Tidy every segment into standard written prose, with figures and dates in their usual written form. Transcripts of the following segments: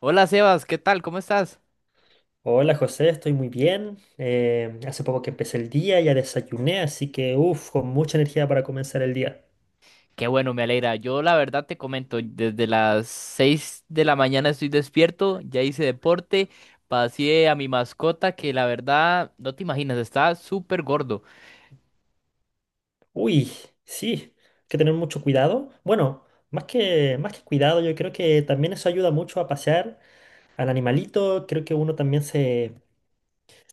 Hola Sebas, ¿qué tal? ¿Cómo estás? Hola José, estoy muy bien. Hace poco que empecé el día, ya desayuné, así que uff, con mucha energía para comenzar el día. Qué bueno, me alegra. Yo la verdad te comento, desde las 6 de la mañana estoy despierto, ya hice deporte, pasé a mi mascota que la verdad no te imaginas, está súper gordo. Uy, sí, hay que tener mucho cuidado. Bueno, más que cuidado, yo creo que también eso ayuda mucho a pasear al animalito. Creo que uno también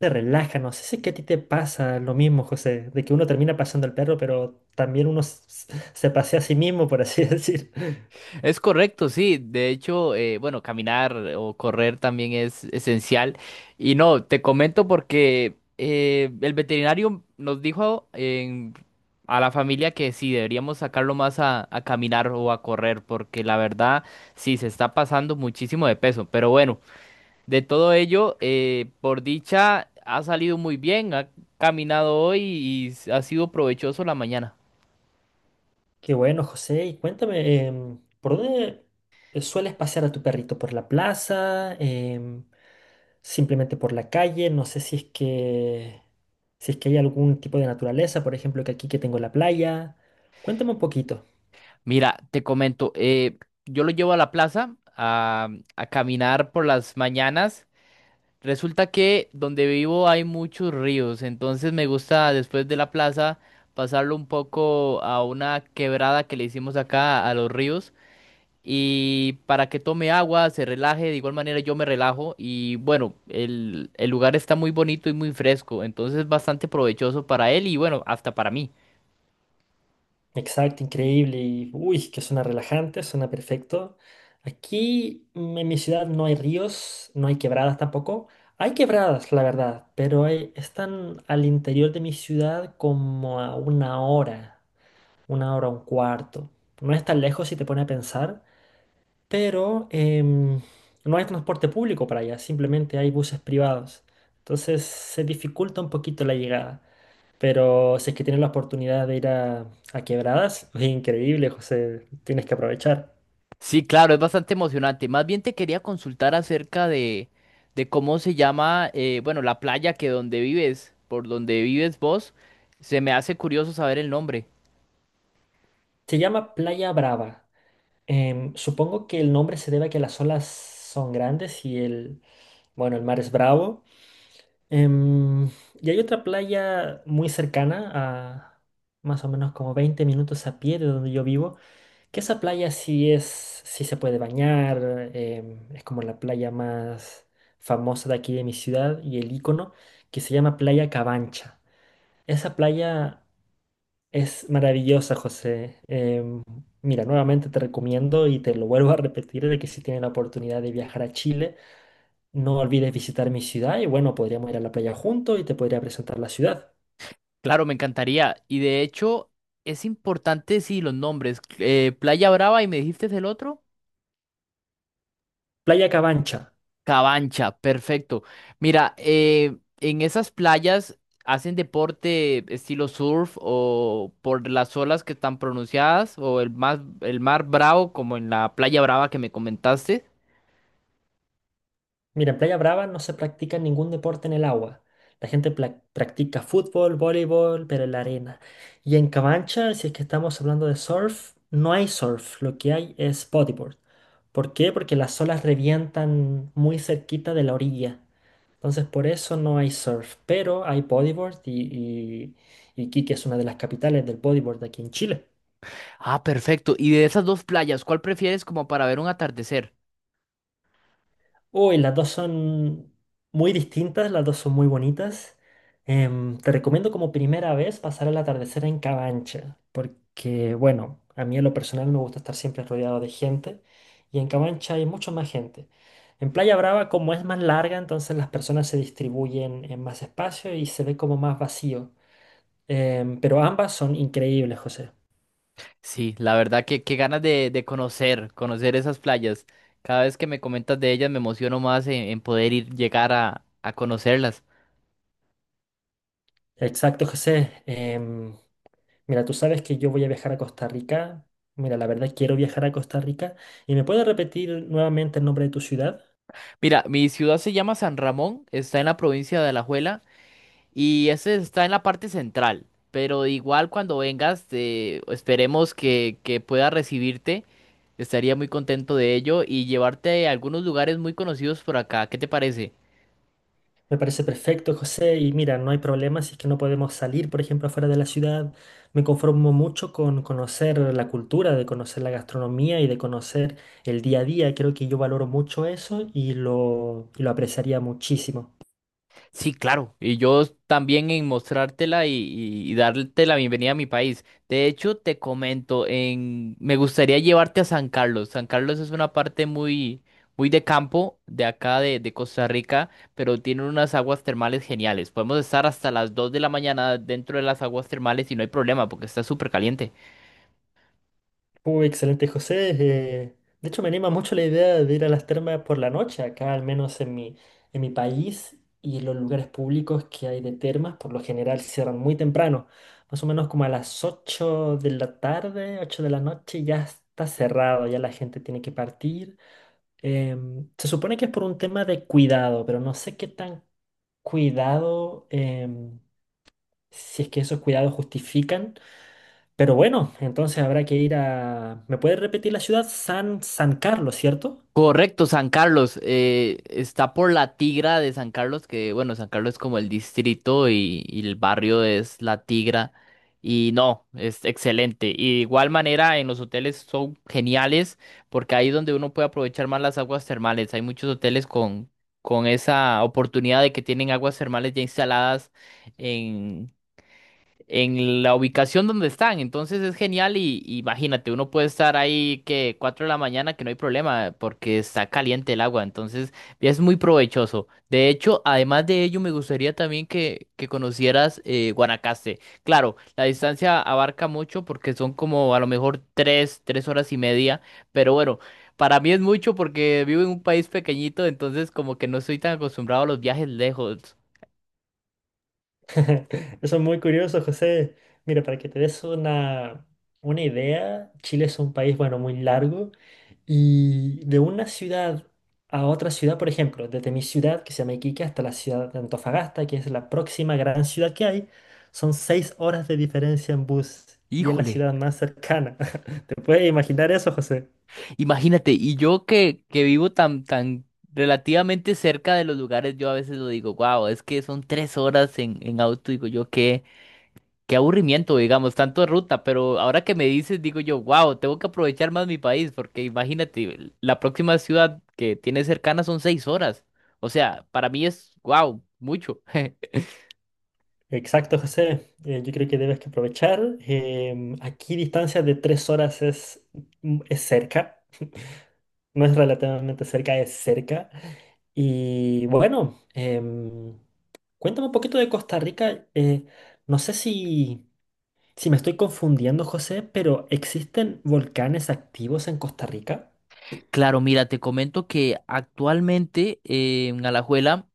se relaja. No sé si es que a ti te pasa lo mismo, José, de que uno termina paseando al perro, pero también uno se pasea a sí mismo, por así decir. Es correcto, sí. De hecho, bueno, caminar o correr también es esencial. Y no, te comento porque el veterinario nos dijo a la familia que sí, deberíamos sacarlo más a caminar o a correr, porque la verdad sí se está pasando muchísimo de peso. Pero bueno, de todo ello, por dicha, ha salido muy bien, ha caminado hoy y ha sido provechoso la mañana. Qué bueno, José. Y cuéntame, ¿por dónde sueles pasear a tu perrito? ¿Por la plaza? ¿Simplemente por la calle? No sé si es que hay algún tipo de naturaleza, por ejemplo, que aquí que tengo la playa. Cuéntame un poquito. Mira, te comento, yo lo llevo a la plaza a caminar por las mañanas. Resulta que donde vivo hay muchos ríos, entonces me gusta después de la plaza pasarlo un poco a una quebrada que le hicimos acá a los ríos y para que tome agua, se relaje, de igual manera yo me relajo y bueno, el lugar está muy bonito y muy fresco, entonces es bastante provechoso para él y bueno, hasta para mí. Exacto, increíble. Y uy, que suena relajante, suena perfecto. Aquí en mi ciudad no hay ríos, no hay quebradas tampoco. Hay quebradas, la verdad, pero están al interior de mi ciudad como a una hora. Una hora, un cuarto. No es tan lejos si te pone a pensar, pero no hay transporte público para allá, simplemente hay buses privados. Entonces se dificulta un poquito la llegada. Pero si es que tienes la oportunidad de a Quebradas, es increíble, José, tienes que aprovechar. Sí, claro, es bastante emocionante. Más bien te quería consultar acerca de cómo se llama, bueno, la playa que donde vives, por donde vives vos, se me hace curioso saber el nombre. Se llama Playa Brava. Supongo que el nombre se debe a que las olas son grandes bueno, el mar es bravo. Em, y hay otra playa muy cercana, a más o menos como 20 minutos a pie de donde yo vivo, que esa sí se puede bañar, es como la playa más famosa de aquí de mi ciudad y el icono, que se llama Playa Cabancha. Esa playa es maravillosa, José. Mira, nuevamente te recomiendo y te lo vuelvo a repetir de que si tienes la oportunidad de viajar a Chile, no olvides visitar mi ciudad y bueno, podríamos ir a la playa juntos y te podría presentar la ciudad. Claro, me encantaría. Y de hecho, es importante, sí, los nombres. Playa Brava y me dijiste el otro. Playa Cabancha. Cabancha, perfecto. Mira, en esas playas hacen deporte estilo surf o por las olas que están pronunciadas o el mar bravo como en la Playa Brava que me comentaste. Mira, en Playa Brava no se practica ningún deporte en el agua. La gente practica fútbol, voleibol, pero en la arena. Y en Cabancha, si es que estamos hablando de surf, no hay surf, lo que hay es bodyboard. ¿Por qué? Porque las olas revientan muy cerquita de la orilla. Entonces por eso no hay surf, pero hay bodyboard y Iquique es una de las capitales del bodyboard aquí en Chile. Ah, perfecto. Y de esas dos playas, ¿cuál prefieres como para ver un atardecer? Uy, las dos son muy distintas, las dos son muy bonitas. Te recomiendo como primera vez pasar el atardecer en Cabancha, porque bueno, a mí en lo personal me gusta estar siempre rodeado de gente y en Cabancha hay mucho más gente. En Playa Brava, como es más larga, entonces las personas se distribuyen en más espacio y se ve como más vacío. Pero ambas son increíbles, José. Sí, la verdad que qué ganas de conocer esas playas. Cada vez que me comentas de ellas me emociono más en poder ir, llegar a conocerlas. Exacto, José. Mira, tú sabes que yo voy a viajar a Costa Rica. Mira, la verdad quiero viajar a Costa Rica. ¿Y me puedes repetir nuevamente el nombre de tu ciudad? Mira, mi ciudad se llama San Ramón, está en la provincia de Alajuela. Y ese está en la parte central. Pero igual cuando vengas, esperemos que pueda recibirte. Estaría muy contento de ello y llevarte a algunos lugares muy conocidos por acá. ¿Qué te parece? Me parece perfecto, José. Y mira, no hay problema si es que no podemos salir, por ejemplo, afuera de la ciudad. Me conformo mucho con conocer la cultura, de conocer la gastronomía y de conocer el día a día. Creo que yo valoro mucho eso y lo apreciaría muchísimo. Sí, claro. Y yo también en mostrártela y darte la bienvenida a mi país. De hecho, te comento, en... me gustaría llevarte a San Carlos. San Carlos es una parte muy, muy de campo de acá de Costa Rica, pero tiene unas aguas termales geniales. Podemos estar hasta las 2 de la mañana dentro de las aguas termales y no hay problema porque está súper caliente. Uy, excelente, José. De hecho, me anima mucho la idea de ir a las termas por la noche, acá al menos en mi país y los lugares públicos que hay de termas, por lo general cierran muy temprano, más o menos como a las 8 de la tarde, 8 de la noche, ya está cerrado, ya la gente tiene que partir. Se supone que es por un tema de cuidado, pero no sé qué tan cuidado, si es que esos cuidados justifican. Pero bueno, entonces habrá que ir a... ¿Me puedes repetir la ciudad? San Carlos, ¿cierto? Correcto, San Carlos. Está por la Tigra de San Carlos, que bueno, San Carlos es como el distrito y el barrio es la Tigra. Y no, es excelente. Y de igual manera, en los hoteles son geniales porque ahí es donde uno puede aprovechar más las aguas termales. Hay muchos hoteles con esa oportunidad de que tienen aguas termales ya instaladas en la ubicación donde están. Entonces es genial y imagínate, uno puede estar ahí que 4 de la mañana que no hay problema porque está caliente el agua. Entonces es muy provechoso. De hecho, además de ello, me gustaría también que conocieras Guanacaste. Claro, la distancia abarca mucho porque son como a lo mejor tres horas y media, pero bueno. Para mí es mucho porque vivo en un país pequeñito, entonces como que no estoy tan acostumbrado a los viajes lejos. Eso es muy curioso, José. Mira, para que te des una idea, Chile es un país, bueno, muy largo y de una ciudad a otra ciudad, por ejemplo, desde mi ciudad, que se llama Iquique, hasta la ciudad de Antofagasta, que es la próxima gran ciudad que hay, son 6 horas de diferencia en bus y es la Híjole. ciudad más cercana. ¿Te puedes imaginar eso, José? Imagínate, y yo que vivo tan relativamente cerca de los lugares, yo a veces lo digo, wow, es que son 3 horas en auto, digo yo, qué aburrimiento, digamos, tanto de ruta, pero ahora que me dices, digo yo, wow, tengo que aprovechar más mi país, porque imagínate, la próxima ciudad que tiene cercana son 6 horas, o sea, para mí es, wow, mucho. Exacto, José. Yo creo que debes que aprovechar. Aquí distancia de 3 horas es cerca. No es relativamente cerca, es cerca. Y bueno, cuéntame un poquito de Costa Rica. No sé si, si me estoy confundiendo, José, pero ¿existen volcanes activos en Costa Rica? Claro, mira, te comento que actualmente en Alajuela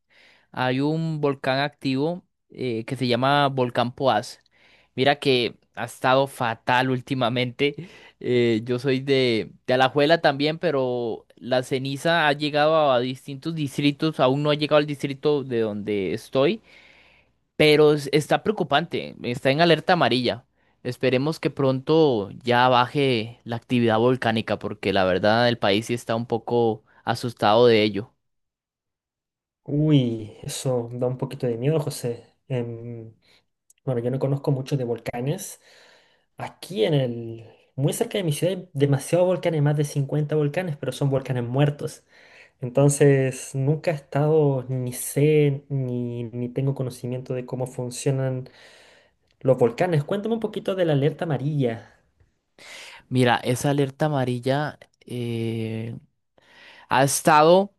hay un volcán activo que se llama Volcán Poás. Mira que ha estado fatal últimamente. Yo soy de Alajuela también, pero la ceniza ha llegado a distintos distritos. Aún no ha llegado al distrito de donde estoy, pero está preocupante. Está en alerta amarilla. Esperemos que pronto ya baje la actividad volcánica, porque la verdad el país sí está un poco asustado de ello. Uy, eso da un poquito de miedo, José. Bueno, yo no conozco mucho de volcanes. Aquí en el... Muy cerca de mi ciudad hay demasiados volcanes, más de 50 volcanes, pero son volcanes muertos. Entonces, nunca he estado, ni sé, ni tengo conocimiento de cómo funcionan los volcanes. Cuéntame un poquito de la alerta amarilla. Mira, esa alerta amarilla eh, ha estado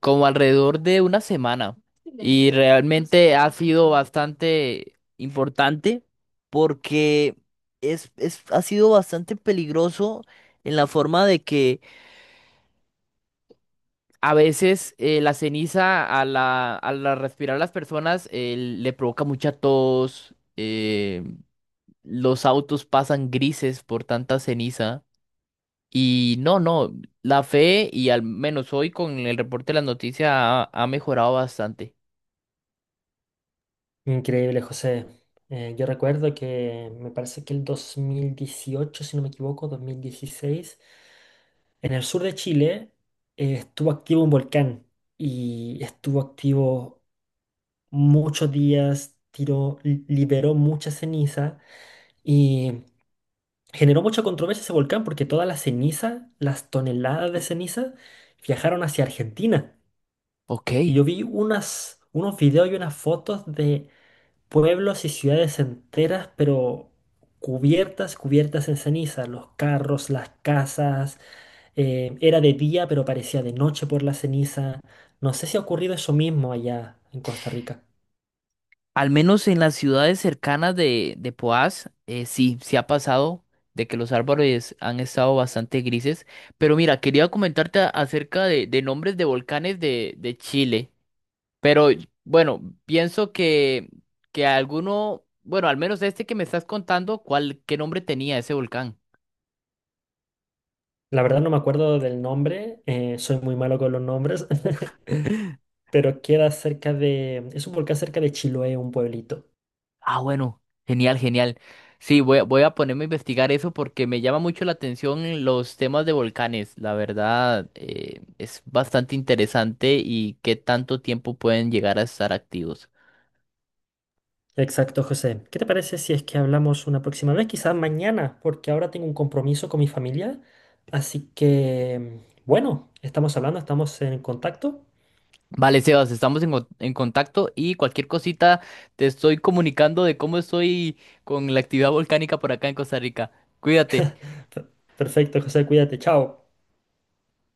como alrededor de una semana y realmente ha sido bastante importante porque ha sido bastante peligroso en la forma de que a veces la ceniza a la respirar las personas le provoca mucha tos, los autos pasan grises por tanta ceniza. Y no, no, la fe y al menos hoy con el reporte de las noticias ha mejorado bastante. Increíble, José. Yo recuerdo que me parece que el 2018, si no me equivoco, 2016, en el sur de Chile, estuvo activo un volcán y estuvo activo muchos días, liberó mucha ceniza y generó mucha controversia ese volcán porque toda la ceniza, las toneladas de ceniza, viajaron hacia Argentina. Ok. Y yo vi unos videos y unas fotos de pueblos y ciudades enteras, pero cubiertas, cubiertas en ceniza, los carros, las casas, era de día, pero parecía de noche por la ceniza. No sé si ha ocurrido eso mismo allá en Costa Rica. Al menos en las ciudades cercanas de Poás, sí, sí ha pasado de que los árboles han estado bastante grises. Pero mira, quería comentarte acerca de nombres de volcanes de Chile. Pero bueno, pienso que alguno, bueno, al menos este que me estás contando, ¿cuál, qué nombre tenía ese volcán? La verdad no me acuerdo del nombre, soy muy malo con los nombres, pero queda cerca de... Es un volcán cerca de Chiloé, un pueblito. Ah, bueno, genial, genial. Sí, voy a ponerme a investigar eso porque me llama mucho la atención los temas de volcanes. La verdad, es bastante interesante y qué tanto tiempo pueden llegar a estar activos. Exacto, José. ¿Qué te parece si es que hablamos una próxima vez? Quizás mañana, porque ahora tengo un compromiso con mi familia. Así que, bueno, estamos hablando, estamos en contacto. Vale, Sebas, estamos en contacto y cualquier cosita te estoy comunicando de cómo estoy con la actividad volcánica por acá en Costa Rica. Cuídate. Per- Perfecto, José, cuídate, chao.